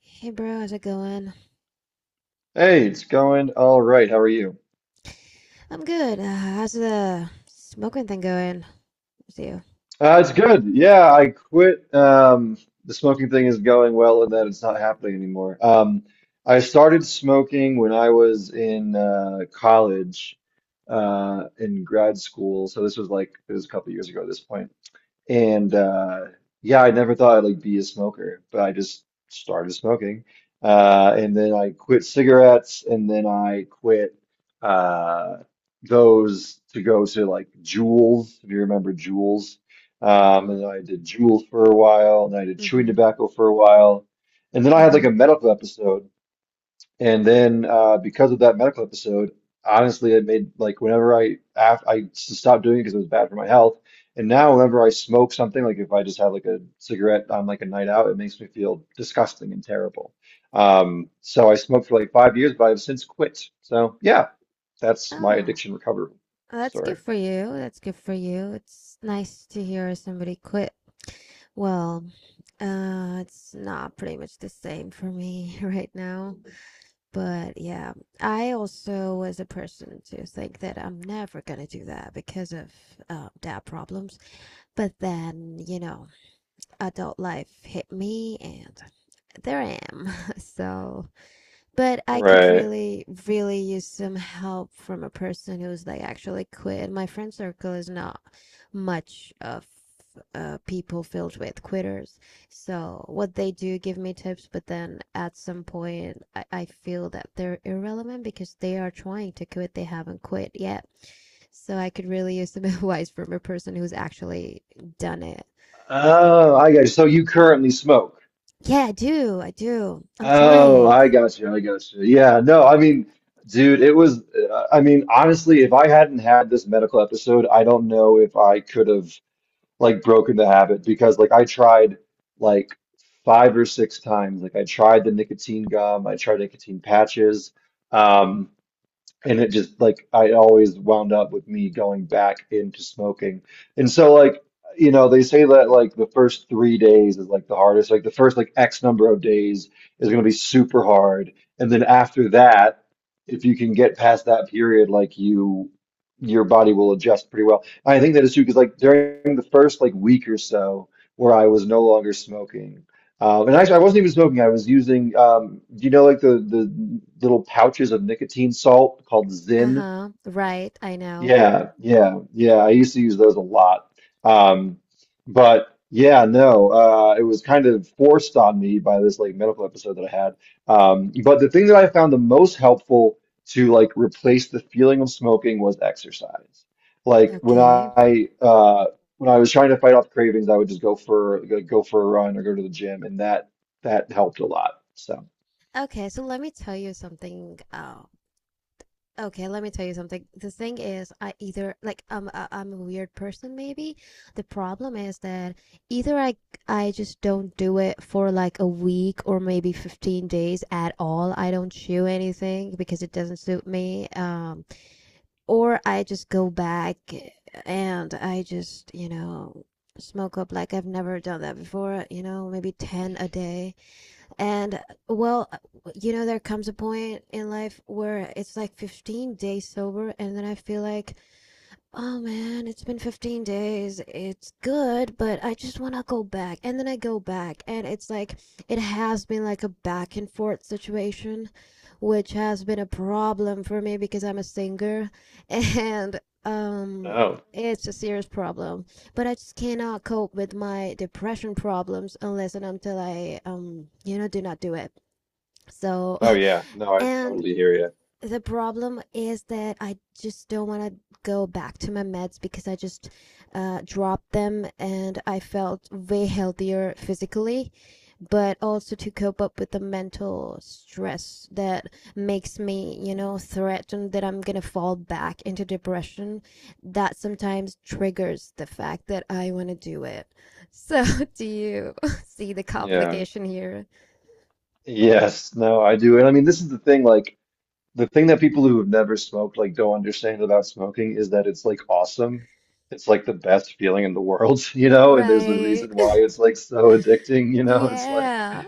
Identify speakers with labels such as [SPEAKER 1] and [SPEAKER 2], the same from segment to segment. [SPEAKER 1] Hey, bro, how's it going?
[SPEAKER 2] Hey, it's going all right. How are you?
[SPEAKER 1] I'm good. How's the smoking thing going with you?
[SPEAKER 2] It's good. Yeah, I quit. The smoking thing is going well and that it's not happening anymore. I started smoking when I was in college, in grad school. So this was like, it was a couple years ago at this point. And Yeah, I never thought I'd like be a smoker, but I just started smoking. And then I quit cigarettes and then I quit uh those to go to like Juuls, if you remember Juuls. And
[SPEAKER 1] Mm-hmm.
[SPEAKER 2] then I did Juuls for a while and I did chewing
[SPEAKER 1] Mm-hmm.
[SPEAKER 2] tobacco for a while. And then I had like
[SPEAKER 1] Mm-hmm.
[SPEAKER 2] a medical episode, and then because of that medical episode, honestly, it made like whenever I stopped doing it because it was bad for my health. And now whenever I smoke something, like if I just have like a cigarette on like a night out, it makes me feel disgusting and terrible. So I smoked for like 5 years, but I've since quit. So yeah, that's my
[SPEAKER 1] Oh,
[SPEAKER 2] addiction recovery
[SPEAKER 1] well, that's
[SPEAKER 2] story.
[SPEAKER 1] good for you. That's good for you. It's nice to hear somebody quit. Well, it's not pretty much the same for me right now. But yeah, I also was a person to think that I'm never gonna do that because of dad problems. But then, you know, adult life hit me and there I am. So, but I could
[SPEAKER 2] Right.
[SPEAKER 1] really, really use some help from a person who's like actually quit. My friend circle is not much of people filled with quitters. So, what they do give me tips, but then at some point, I feel that they're irrelevant because they are trying to quit, they haven't quit yet. So, I could really use some advice from a person who's actually done it.
[SPEAKER 2] Oh, I got you. So you currently smoke.
[SPEAKER 1] Yeah, I do. I do. I'm
[SPEAKER 2] Oh,
[SPEAKER 1] trying.
[SPEAKER 2] I got you. Yeah, no, I mean, dude, it was, I mean, honestly, if I hadn't had this medical episode, I don't know if I could have like broken the habit because like I tried like five or six times. Like I tried the nicotine gum, I tried nicotine patches. Um, and it just like I always wound up with me going back into smoking. And so like, you know, they say that like the first 3 days is like the hardest. Like the first like X number of days is gonna be super hard. And then after that, if you can get past that period, your body will adjust pretty well. I think that is true because like during the first like week or so where I was no longer smoking. And actually, I wasn't even smoking. I was using, do you know, like the little pouches of nicotine salt called Zyn?
[SPEAKER 1] Uh-huh. Right, I know.
[SPEAKER 2] Yeah, yeah, yeah. I used to use those a lot. Um, but yeah, no, it was kind of forced on me by this like medical episode that I had. But the thing that I found the most helpful to like replace the feeling of smoking was exercise. Like when
[SPEAKER 1] Okay.
[SPEAKER 2] I uh, when I was trying to fight off cravings, I would just go for a run or go to the gym, and that helped a lot. So.
[SPEAKER 1] Okay, so let me tell you something. Okay, let me tell you something. The thing is, I either like I'm a weird person maybe. The problem is that either I just don't do it for like a week or maybe 15 days at all. I don't chew anything because it doesn't suit me. Or I just go back and I just, you know, smoke up like I've never done that before, you know, maybe 10 a day. And well, you know, there comes a point in life where it's like 15 days sober, and then I feel like, oh man, it's been 15 days. It's good, but I just want to go back. And then I go back, and it's like it has been like a back and forth situation, which has been a problem for me because I'm a singer and um
[SPEAKER 2] Oh.
[SPEAKER 1] it's a serious problem. But I just cannot cope with my depression problems unless and until I you know do not do it. So,
[SPEAKER 2] Oh yeah, no, I
[SPEAKER 1] and
[SPEAKER 2] totally hear you.
[SPEAKER 1] the problem is that I just don't want to go back to my meds because I just dropped them and I felt way healthier physically, but also to cope up with the mental stress that makes me, you know, threatened that I'm going to fall back into depression. That sometimes triggers the fact that I want to do it. So, do you see the
[SPEAKER 2] Yeah.
[SPEAKER 1] complication here?
[SPEAKER 2] Yes, no, I do. And I mean, this is the thing, like the thing that people who have never smoked like don't understand about smoking is that it's like awesome. It's like the best feeling in the world, you know, and there's a
[SPEAKER 1] Right.
[SPEAKER 2] reason why it's like so addicting, you know. It's like,
[SPEAKER 1] Yeah.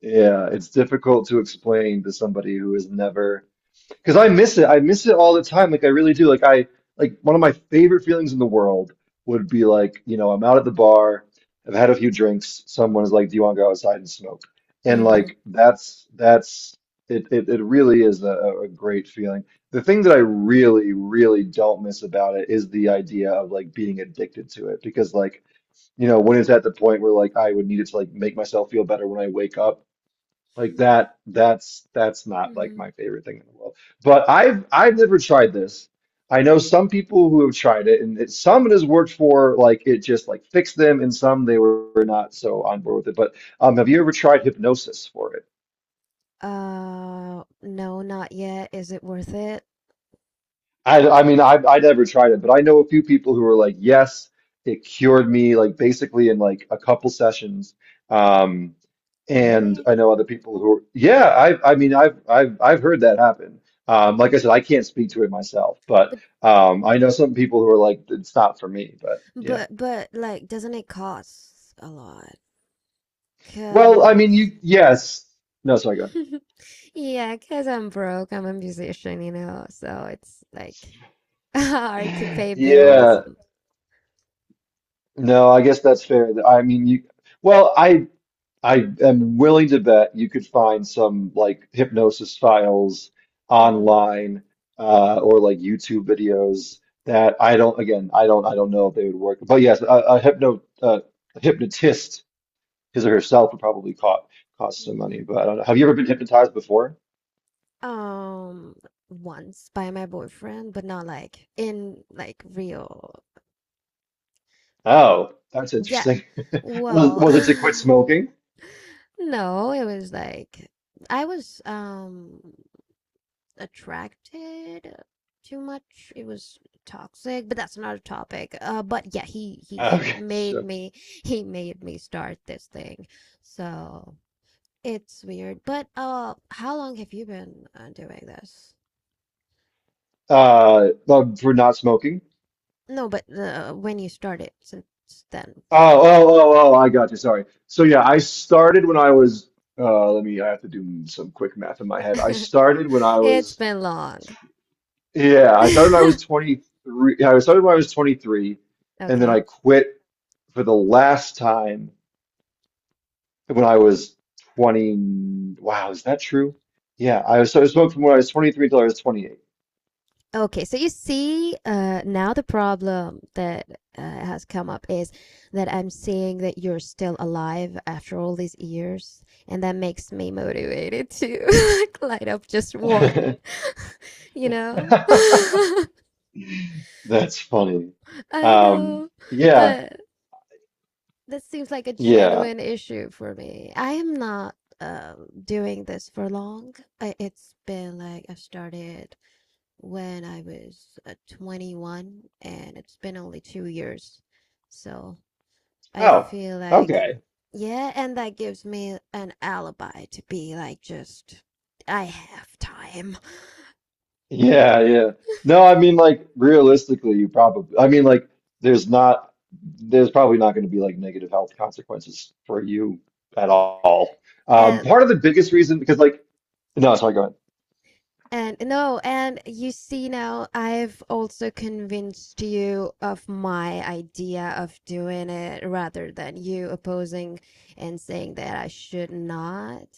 [SPEAKER 2] yeah, it's difficult to explain to somebody who has never. Because I miss it. I miss it all the time. Like I really do. Like I like one of my favorite feelings in the world would be like, you know, I'm out at the bar, I've had a few drinks, someone is like, do you want to go outside and smoke? And
[SPEAKER 1] Mm-hmm.
[SPEAKER 2] like that's it really is a great feeling. The thing that I really, really don't miss about it is the idea of like being addicted to it. Because like, you know, when it's at the point where like I would need it to like make myself feel better when I wake up like that, that's not like
[SPEAKER 1] Mm-hmm.
[SPEAKER 2] my favorite thing in the world. But I've never tried this. I know some people who have tried it, and it, some it has worked for like it just like fixed them, and some they were not so on board with it. But Have you ever tried hypnosis for it?
[SPEAKER 1] No, not yet. Is it worth it?
[SPEAKER 2] I mean, I never tried it, but I know a few people who are like, yes, it cured me, like basically in like a couple sessions. Um, and
[SPEAKER 1] Really?
[SPEAKER 2] I know other people who are, yeah, I mean, I've heard that happen. Like I said, I can't speak to it myself, but
[SPEAKER 1] But
[SPEAKER 2] I know some people who are like, it's not for me, but yeah.
[SPEAKER 1] but like doesn't it cost a lot?
[SPEAKER 2] Well, I mean,
[SPEAKER 1] Cause
[SPEAKER 2] you, yes. No, sorry, go ahead.
[SPEAKER 1] yeah, because yeah, 'cause I'm broke. I'm a musician, you know. So it's like hard to pay bills.
[SPEAKER 2] Yeah, no, I guess that's fair. I mean, you, well, I am willing to bet you could find some like hypnosis files
[SPEAKER 1] Hmm.
[SPEAKER 2] online, or like YouTube videos that I don't, again, I don't know if they would work. But yes, a hypnotist, his or herself would probably cost some
[SPEAKER 1] Hmm.
[SPEAKER 2] money. But I don't know. Have you ever been hypnotized before?
[SPEAKER 1] Um, once by my boyfriend, but not like in like real.
[SPEAKER 2] Oh, that's
[SPEAKER 1] Yeah.
[SPEAKER 2] interesting. Was
[SPEAKER 1] Well,
[SPEAKER 2] it to quit smoking?
[SPEAKER 1] no, it was like I was attracted too much. It was toxic, but that's not a topic. But yeah, he he's
[SPEAKER 2] Okay,
[SPEAKER 1] made
[SPEAKER 2] sure.
[SPEAKER 1] me he made me start this thing. So it's weird. But how long have you been doing this?
[SPEAKER 2] For not smoking.
[SPEAKER 1] No, but when you started since then,
[SPEAKER 2] Oh, I got you. Sorry. So yeah, I started when I was let me, I have to do some quick math in my head. I started when I
[SPEAKER 1] it's
[SPEAKER 2] was
[SPEAKER 1] been long.
[SPEAKER 2] Yeah, I started when I was 23. And then
[SPEAKER 1] Okay.
[SPEAKER 2] I quit for the last time when I was 20. Wow, is that true? Yeah, I was, so I smoked from when I was 23 till I was 28.
[SPEAKER 1] Okay, so you see, now the problem that has come up is that I'm seeing that you're still alive after all these years, and that makes me motivated to like light up just one, you know?
[SPEAKER 2] That's funny.
[SPEAKER 1] I
[SPEAKER 2] Um
[SPEAKER 1] know,
[SPEAKER 2] yeah,
[SPEAKER 1] but this seems like a
[SPEAKER 2] yeah.
[SPEAKER 1] genuine issue for me. I am not doing this for long. It's been like I've started when I was 21, and it's been only 2 years. So I
[SPEAKER 2] Oh,
[SPEAKER 1] feel like,
[SPEAKER 2] okay.
[SPEAKER 1] yeah, and that gives me an alibi to be like, just, I have time.
[SPEAKER 2] Yeah, yeah. No, I mean like realistically, you probably I mean like there's not there's probably not going to be like negative health consequences for you at all.
[SPEAKER 1] And,
[SPEAKER 2] Part of the biggest reason because like, no, sorry, go ahead.
[SPEAKER 1] and no, and you see now, I've also convinced you of my idea of doing it rather than you opposing and saying that I should not.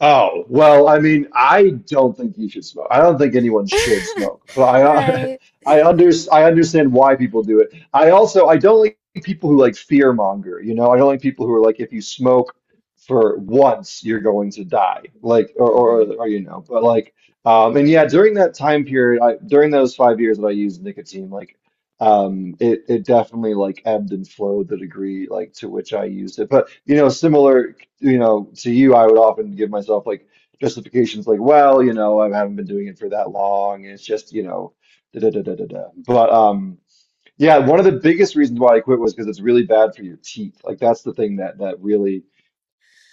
[SPEAKER 2] Oh, well, I mean, I don't think you should smoke. I don't think anyone should smoke, but I
[SPEAKER 1] Right.
[SPEAKER 2] I understand why people do it. I also I don't like people who like fear monger, you know? I don't like people who are like if you smoke for once you're going to die. Like
[SPEAKER 1] Mm-hmm.
[SPEAKER 2] or you know, but like and yeah, during that time period, I during those 5 years that I used nicotine, like it it definitely like ebbed and flowed the degree like to which I used it. But you know, similar you know, to you, I would often give myself like justifications like, well, you know, I haven't been doing it for that long, and it's just, you know, da da da da da da. But Yeah, one of the biggest reasons why I quit was because it's really bad for your teeth. Like that's the thing that really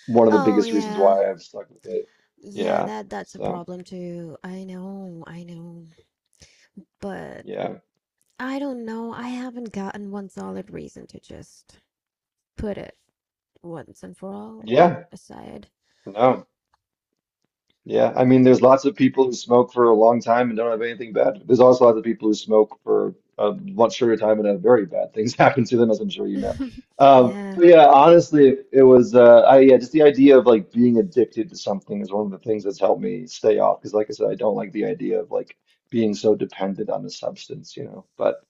[SPEAKER 2] one of the
[SPEAKER 1] Oh,
[SPEAKER 2] biggest reasons
[SPEAKER 1] yeah.
[SPEAKER 2] why I've stuck with it.
[SPEAKER 1] Yeah,
[SPEAKER 2] Yeah.
[SPEAKER 1] that that's a
[SPEAKER 2] So
[SPEAKER 1] problem too. I know, I know. But
[SPEAKER 2] yeah,
[SPEAKER 1] I don't know. I haven't gotten one solid reason to just put it once and for all
[SPEAKER 2] yeah,
[SPEAKER 1] aside.
[SPEAKER 2] no. Yeah, I mean, there's lots of people who smoke for a long time and don't have anything bad. There's also lots of people who smoke for a much shorter time and have very bad things happen to them, as I'm sure you know.
[SPEAKER 1] Yeah.
[SPEAKER 2] But yeah, honestly, it was I yeah, just the idea of like being addicted to something is one of the things that's helped me stay off. Because like I said, I don't like the idea of like being so dependent on a substance, you know. But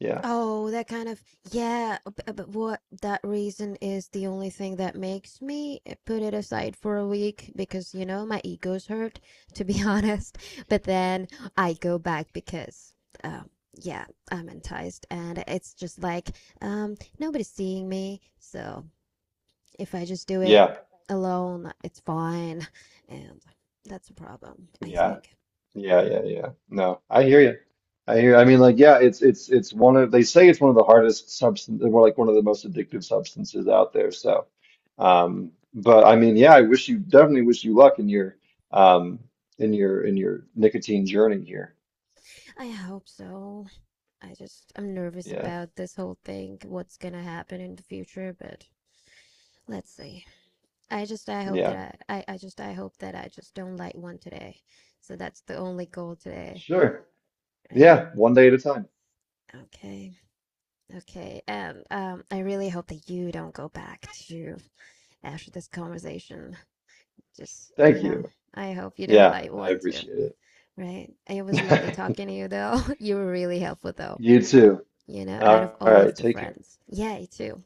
[SPEAKER 2] yeah,
[SPEAKER 1] Oh, that kind of, yeah, but what that reason is the only thing that makes me eh, put it aside for a week because, you know, my ego's hurt, to be honest. But then I go back because, um, yeah, I'm enticed and it's just like, nobody's seeing me. So if I just do
[SPEAKER 2] yeah,
[SPEAKER 1] it alone, it's fine. And that's a problem, I
[SPEAKER 2] yeah.
[SPEAKER 1] think.
[SPEAKER 2] Yeah, yeah, yeah. No, I hear you. I hear. I mean, like, yeah, it's it's one of they say it's one of the hardest substance, or like one of the most addictive substances out there. So, but I mean, yeah, I wish you definitely wish you luck um in your nicotine journey here.
[SPEAKER 1] I hope so. I'm nervous
[SPEAKER 2] Yeah,
[SPEAKER 1] about this whole thing, what's gonna happen in the future, but let's see. I hope
[SPEAKER 2] yeah,
[SPEAKER 1] that I hope that I just don't light one today. So that's the only goal today,
[SPEAKER 2] sure.
[SPEAKER 1] right?
[SPEAKER 2] Yeah, one day at a time.
[SPEAKER 1] Okay, okay. And I really hope that you don't go back to after this conversation. Just, you
[SPEAKER 2] Thank
[SPEAKER 1] know,
[SPEAKER 2] you.
[SPEAKER 1] I hope you don't
[SPEAKER 2] Yeah,
[SPEAKER 1] light
[SPEAKER 2] I
[SPEAKER 1] one too,
[SPEAKER 2] appreciate
[SPEAKER 1] right? It was lovely
[SPEAKER 2] it.
[SPEAKER 1] talking to you though. You were really helpful though,
[SPEAKER 2] You too.
[SPEAKER 1] you know, out of
[SPEAKER 2] All
[SPEAKER 1] all of
[SPEAKER 2] right,
[SPEAKER 1] the
[SPEAKER 2] take care.
[SPEAKER 1] friends. Yeah, you too.